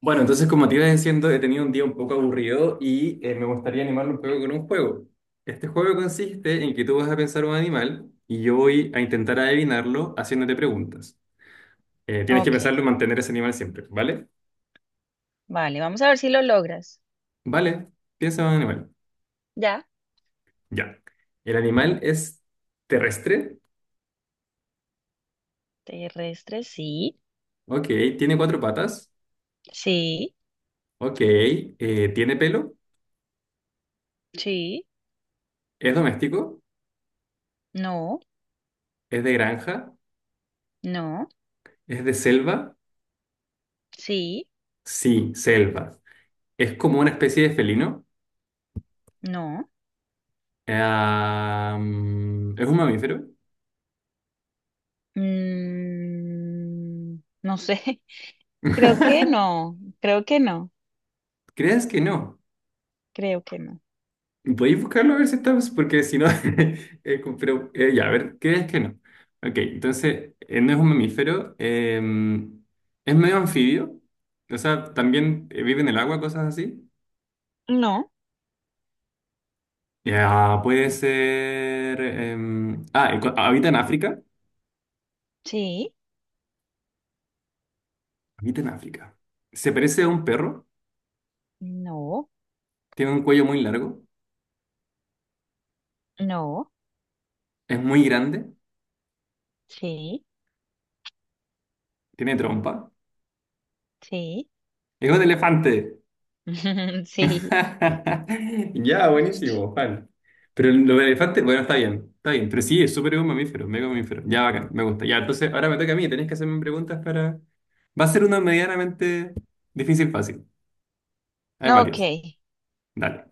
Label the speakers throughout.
Speaker 1: Bueno, entonces como te iba diciendo, he tenido un día un poco aburrido y me gustaría animarlo un poco con un juego. Este juego consiste en que tú vas a pensar un animal y yo voy a intentar adivinarlo haciéndote preguntas. Tienes que
Speaker 2: Ok,
Speaker 1: pensarlo y mantener ese animal siempre, ¿vale?
Speaker 2: vale, vamos a ver si lo logras.
Speaker 1: Vale, piensa en un animal.
Speaker 2: Ya,
Speaker 1: Ya. ¿El animal es terrestre?
Speaker 2: terrestre, sí,
Speaker 1: Ok. ¿Tiene cuatro patas?
Speaker 2: sí,
Speaker 1: Ok. ¿Tiene pelo?
Speaker 2: sí,
Speaker 1: ¿Es doméstico?
Speaker 2: no,
Speaker 1: ¿Es de granja?
Speaker 2: no,
Speaker 1: ¿Es de selva?
Speaker 2: sí,
Speaker 1: Sí, selva. ¿Es como una especie de felino?
Speaker 2: no.
Speaker 1: Ah, ¿es un mamífero?
Speaker 2: Mm, no sé, creo que no, creo que no,
Speaker 1: ¿Crees que no?
Speaker 2: creo que no.
Speaker 1: ¿Podéis buscarlo a ver si estamos? Porque si no, ya, a ver, ¿crees que no? Ok, entonces, no es un mamífero, es medio anfibio, o sea, también vive en el agua, cosas así.
Speaker 2: No,
Speaker 1: Ya, puede ser... habita en África,
Speaker 2: sí,
Speaker 1: habita en África. Se parece a un perro,
Speaker 2: no,
Speaker 1: tiene un cuello muy largo,
Speaker 2: no,
Speaker 1: es muy grande,
Speaker 2: sí,
Speaker 1: tiene trompa,
Speaker 2: sí,
Speaker 1: es un elefante.
Speaker 2: sí.
Speaker 1: Ya, buenísimo, Juan. Pero lo del elefante, bueno, está bien, está bien. Pero sí, es súper un mamífero, mega mamífero. Ya, bacán, me gusta. Ya, entonces ahora me toca a mí, tenés que hacerme preguntas para. Va a ser una medianamente difícil, fácil. Hay
Speaker 2: Ok,
Speaker 1: varios. Dale.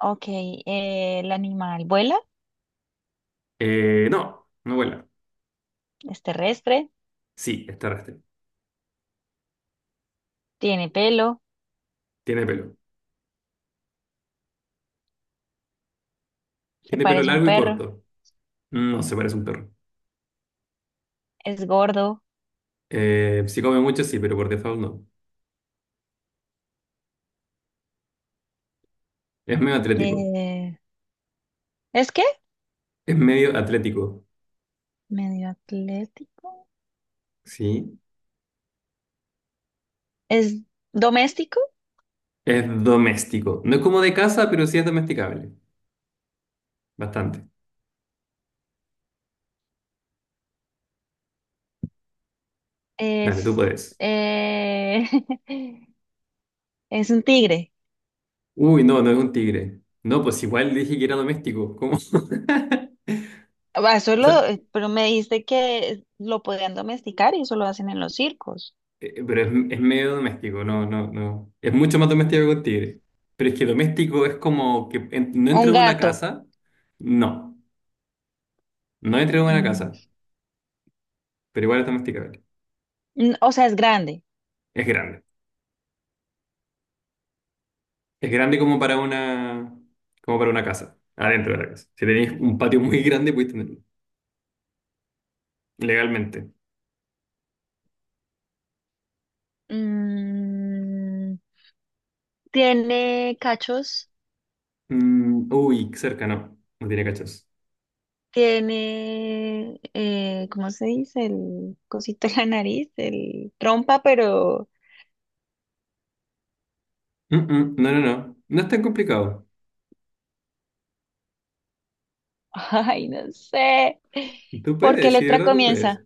Speaker 2: ok, el animal vuela,
Speaker 1: No, no vuela.
Speaker 2: es terrestre,
Speaker 1: Sí, es terrestre.
Speaker 2: tiene pelo,
Speaker 1: Tiene pelo.
Speaker 2: se
Speaker 1: Tiene pelo
Speaker 2: parece a un
Speaker 1: largo y
Speaker 2: perro.
Speaker 1: corto. No se parece a un perro.
Speaker 2: Es gordo.
Speaker 1: Si come mucho, sí, pero por default no. Es medio atlético.
Speaker 2: Eh, ¿es qué?
Speaker 1: Es medio atlético.
Speaker 2: Medio atlético.
Speaker 1: Sí.
Speaker 2: Es doméstico.
Speaker 1: Es doméstico. No es como de casa, pero sí es domesticable. Bastante. Dale, tú
Speaker 2: Es,
Speaker 1: puedes.
Speaker 2: eh, es un tigre.
Speaker 1: Uy, no, no es un tigre. No, pues igual dije que era doméstico. ¿Cómo?
Speaker 2: Ah,
Speaker 1: O
Speaker 2: solo,
Speaker 1: sea,
Speaker 2: pero me dijiste que lo podían domesticar y eso lo hacen en los circos.
Speaker 1: pero es medio doméstico, no, no, no. Es mucho más doméstico que un tigre. Pero es que doméstico es como que no entra
Speaker 2: Un
Speaker 1: en una
Speaker 2: gato.
Speaker 1: casa. No, no entra en una
Speaker 2: mm,
Speaker 1: casa, pero igual es domesticable.
Speaker 2: o sea, es grande.
Speaker 1: Es grande. Es grande como para una casa, adentro de la casa. Si tenéis un patio muy grande, podéis tenerlo legalmente.
Speaker 2: Mm, tiene cachos.
Speaker 1: Uy, cerca no, no tiene cachos.
Speaker 2: Tiene, ¿cómo se dice? El cosito en la nariz, el trompa, pero
Speaker 1: No, no, no. No es tan complicado.
Speaker 2: ay, no sé.
Speaker 1: Tú
Speaker 2: ¿Por qué
Speaker 1: puedes, sí, de
Speaker 2: letra
Speaker 1: verdad tú puedes.
Speaker 2: comienza?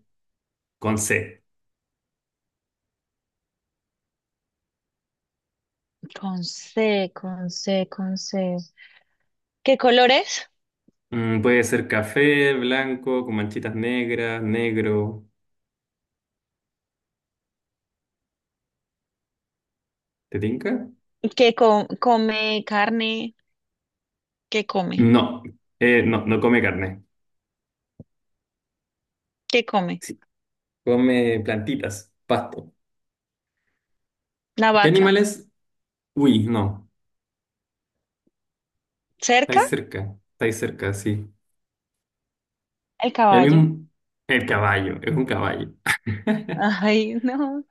Speaker 1: Con C.
Speaker 2: Con C. ¿Qué colores?
Speaker 1: Puede ser café, blanco, con manchitas negras, negro. ¿Te tinca?
Speaker 2: ¿Qué co- come carne? ¿Qué come?
Speaker 1: No. No, no come carne.
Speaker 2: ¿Qué come?
Speaker 1: Sí. Come plantitas, pasto.
Speaker 2: La
Speaker 1: ¿Qué
Speaker 2: vaca.
Speaker 1: animales? Uy, no.
Speaker 2: ¿Cerca?
Speaker 1: Estáis cerca. Estáis cerca, sí.
Speaker 2: El
Speaker 1: El
Speaker 2: caballo.
Speaker 1: mismo. El caballo. Es un caballo.
Speaker 2: Ay, no.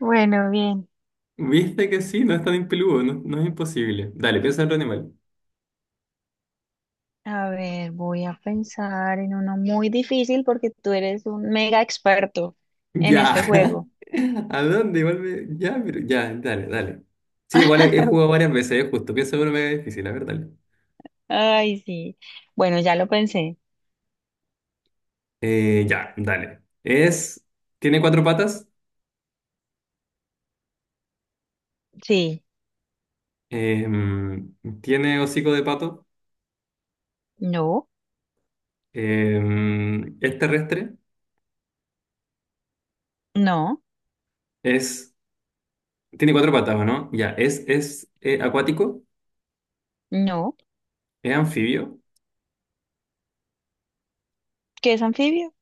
Speaker 2: Bueno, bien.
Speaker 1: ¿Viste que sí? No es tan impeludo. No, no es imposible. Dale, piensa en otro animal.
Speaker 2: A ver, voy a pensar en uno muy difícil porque tú eres un mega experto en este
Speaker 1: Ya.
Speaker 2: juego.
Speaker 1: ¿A dónde? Igual me... Ya, pero... Ya, dale, dale. Sí, igual he jugado varias veces, es justo. Pienso que uno me es difícil, a ver, dale.
Speaker 2: Ay, sí. Bueno, ya lo pensé.
Speaker 1: Ya, dale. Es... Tiene cuatro patas.
Speaker 2: Sí.
Speaker 1: em, tiene hocico de pato.
Speaker 2: No,
Speaker 1: Es terrestre.
Speaker 2: no.
Speaker 1: Es... Tiene cuatro patas, ¿o no? Ya, es acuático.
Speaker 2: No,
Speaker 1: Es anfibio.
Speaker 2: ¿qué es anfibio?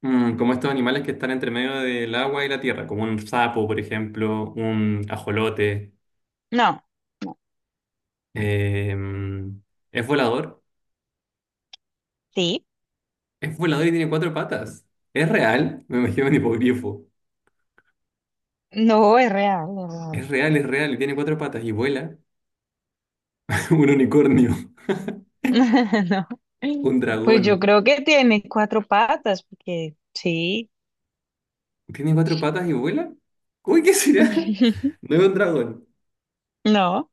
Speaker 1: Como estos animales que están entre medio del agua y la tierra, como un sapo, por ejemplo, un ajolote.
Speaker 2: No, no,
Speaker 1: em, es volador.
Speaker 2: sí,
Speaker 1: Es volador y tiene cuatro patas. ¿Es real? Me imagino un hipogrifo.
Speaker 2: no, es real.
Speaker 1: Es real y tiene cuatro patas y vuela. Un unicornio.
Speaker 2: No,
Speaker 1: Un
Speaker 2: pues
Speaker 1: dragón.
Speaker 2: yo creo que tiene cuatro patas, porque sí.
Speaker 1: ¿Tiene cuatro patas y vuela? Uy, ¿qué será? No es un dragón.
Speaker 2: No,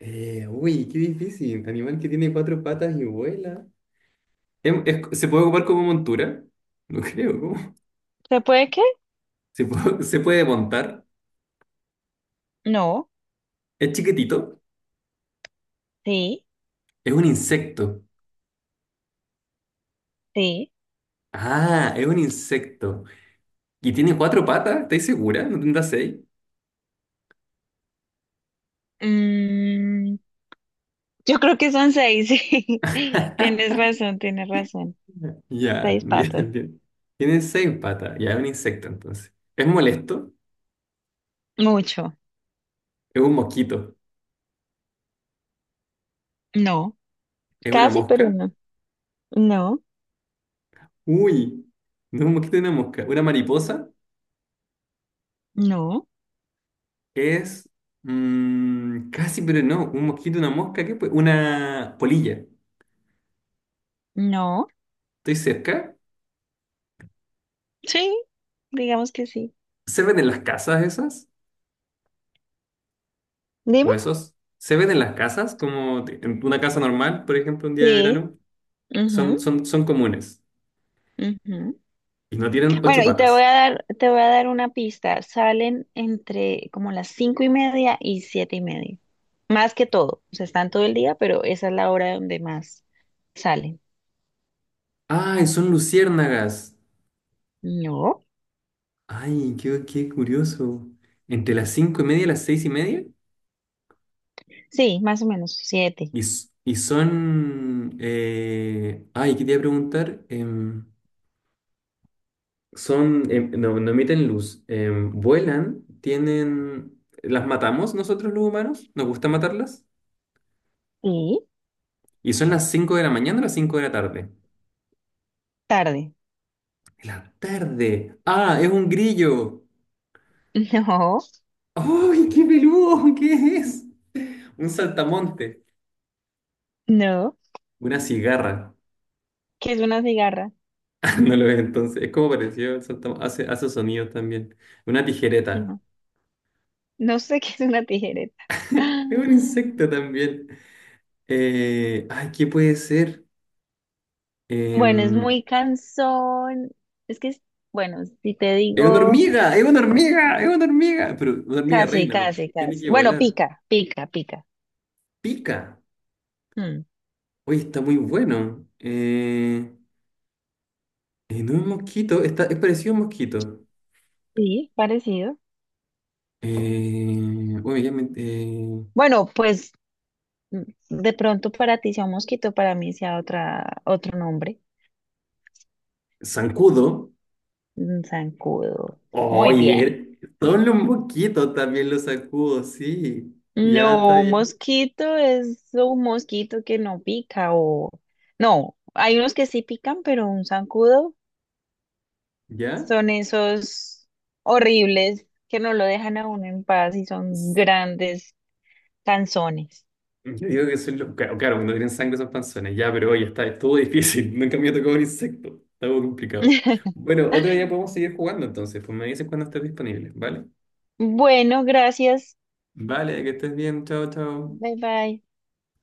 Speaker 1: Uy, qué difícil. Animal que tiene cuatro patas y vuela. ¿Se puede ocupar como montura? No creo, ¿cómo?
Speaker 2: ¿se puede qué?
Speaker 1: ¿Se puede, se puede montar?
Speaker 2: No,
Speaker 1: ¿Es chiquitito?
Speaker 2: sí,
Speaker 1: Es un insecto.
Speaker 2: sí.
Speaker 1: Ah, es un insecto. ¿Y tiene cuatro patas? ¿Estáis segura? ¿No tendrá seis?
Speaker 2: Mm, yo creo que son seis, sí. Tienes razón.
Speaker 1: Ya,
Speaker 2: Seis
Speaker 1: ya
Speaker 2: patas.
Speaker 1: entiendo. Tiene seis patas. Ya es un insecto entonces. ¿Es molesto?
Speaker 2: Mucho.
Speaker 1: ¿Es un mosquito?
Speaker 2: No,
Speaker 1: ¿Es una
Speaker 2: casi, pero
Speaker 1: mosca?
Speaker 2: no. No,
Speaker 1: Uy, no es un mosquito, es una mosca. ¿Una mariposa?
Speaker 2: no,
Speaker 1: Es casi, pero no. Un mosquito, una mosca, ¿qué puede? Una polilla.
Speaker 2: no.
Speaker 1: ¿Estoy cerca?
Speaker 2: Sí, digamos que sí.
Speaker 1: ¿Se ven en las casas esas? ¿O
Speaker 2: Dime.
Speaker 1: esos? ¿Se ven en las casas? Como en una casa normal, por ejemplo, un día de
Speaker 2: Sí.
Speaker 1: verano. Son,
Speaker 2: Ujú.
Speaker 1: son, son comunes.
Speaker 2: Ujú.
Speaker 1: Y no tienen
Speaker 2: Bueno,
Speaker 1: ocho
Speaker 2: y te voy
Speaker 1: patas.
Speaker 2: a dar, te voy a dar una pista. Salen entre como las 5:30 y 7:30. Más que todo. O sea, están todo el día, pero esa es la hora donde más salen.
Speaker 1: ¡Ay, son luciérnagas!
Speaker 2: No.
Speaker 1: Ay, qué curioso. Entre las 5:30 y las 6:30.
Speaker 2: Sí, más o menos siete.
Speaker 1: Y son. Ay, quería preguntar. Son. No, no emiten luz. Vuelan. Tienen. ¿Las matamos nosotros los humanos? ¿Nos gusta matarlas?
Speaker 2: ¿Y?
Speaker 1: Y son las 5 de la mañana o las 5 de la tarde.
Speaker 2: Tarde.
Speaker 1: De la tarde. ¡Ah! ¡Es un grillo!
Speaker 2: No,
Speaker 1: ¡Ay, qué peludo! ¿Qué es? Un saltamonte.
Speaker 2: no.
Speaker 1: Una cigarra.
Speaker 2: ¿Qué es una cigarra?
Speaker 1: No lo ves entonces. Es como pareció el Hace sonidos también. Una tijereta.
Speaker 2: No. No sé qué es una tijereta.
Speaker 1: Es un
Speaker 2: Ah,
Speaker 1: insecto también. Ay, ¿qué puede ser?
Speaker 2: bueno, es
Speaker 1: Em,
Speaker 2: muy cansón. Es que, es- bueno, si te
Speaker 1: es una
Speaker 2: digo
Speaker 1: hormiga, es una hormiga, es una hormiga. Pero una hormiga
Speaker 2: casi,
Speaker 1: reina, porque
Speaker 2: casi,
Speaker 1: tiene
Speaker 2: casi.
Speaker 1: que
Speaker 2: Bueno,
Speaker 1: volar.
Speaker 2: pica.
Speaker 1: Pica.
Speaker 2: Mm.
Speaker 1: Oye, está muy bueno. No es mosquito, es parecido a un mosquito.
Speaker 2: Sí, parecido.
Speaker 1: Eh, bueno, ya quedé men-
Speaker 2: Bueno, pues mm, de pronto para ti sea un mosquito, para mí sea otra, otro nombre.
Speaker 1: zancudo.
Speaker 2: Un zancudo. Muy bien.
Speaker 1: Oye, solo un poquito también lo sacudo, sí. Ya está
Speaker 2: No, un
Speaker 1: bien.
Speaker 2: mosquito es un mosquito que no pica o... No, hay unos que sí pican, pero un zancudo
Speaker 1: ¿Ya?
Speaker 2: son esos horribles que no lo dejan a uno en paz y son
Speaker 1: S-
Speaker 2: grandes canzones.
Speaker 1: Yo digo que son los... Claro, claro, cuando tienen sangre son panzones, ya, pero oye, estuvo difícil. Nunca me ha tocado un insecto. Está muy complicado. Bueno, otro día podemos seguir jugando entonces. Pues me dices cuando estés disponible, ¿vale?
Speaker 2: Bueno, gracias.
Speaker 1: Vale, que estés bien. Chao, chao.
Speaker 2: Bye bye.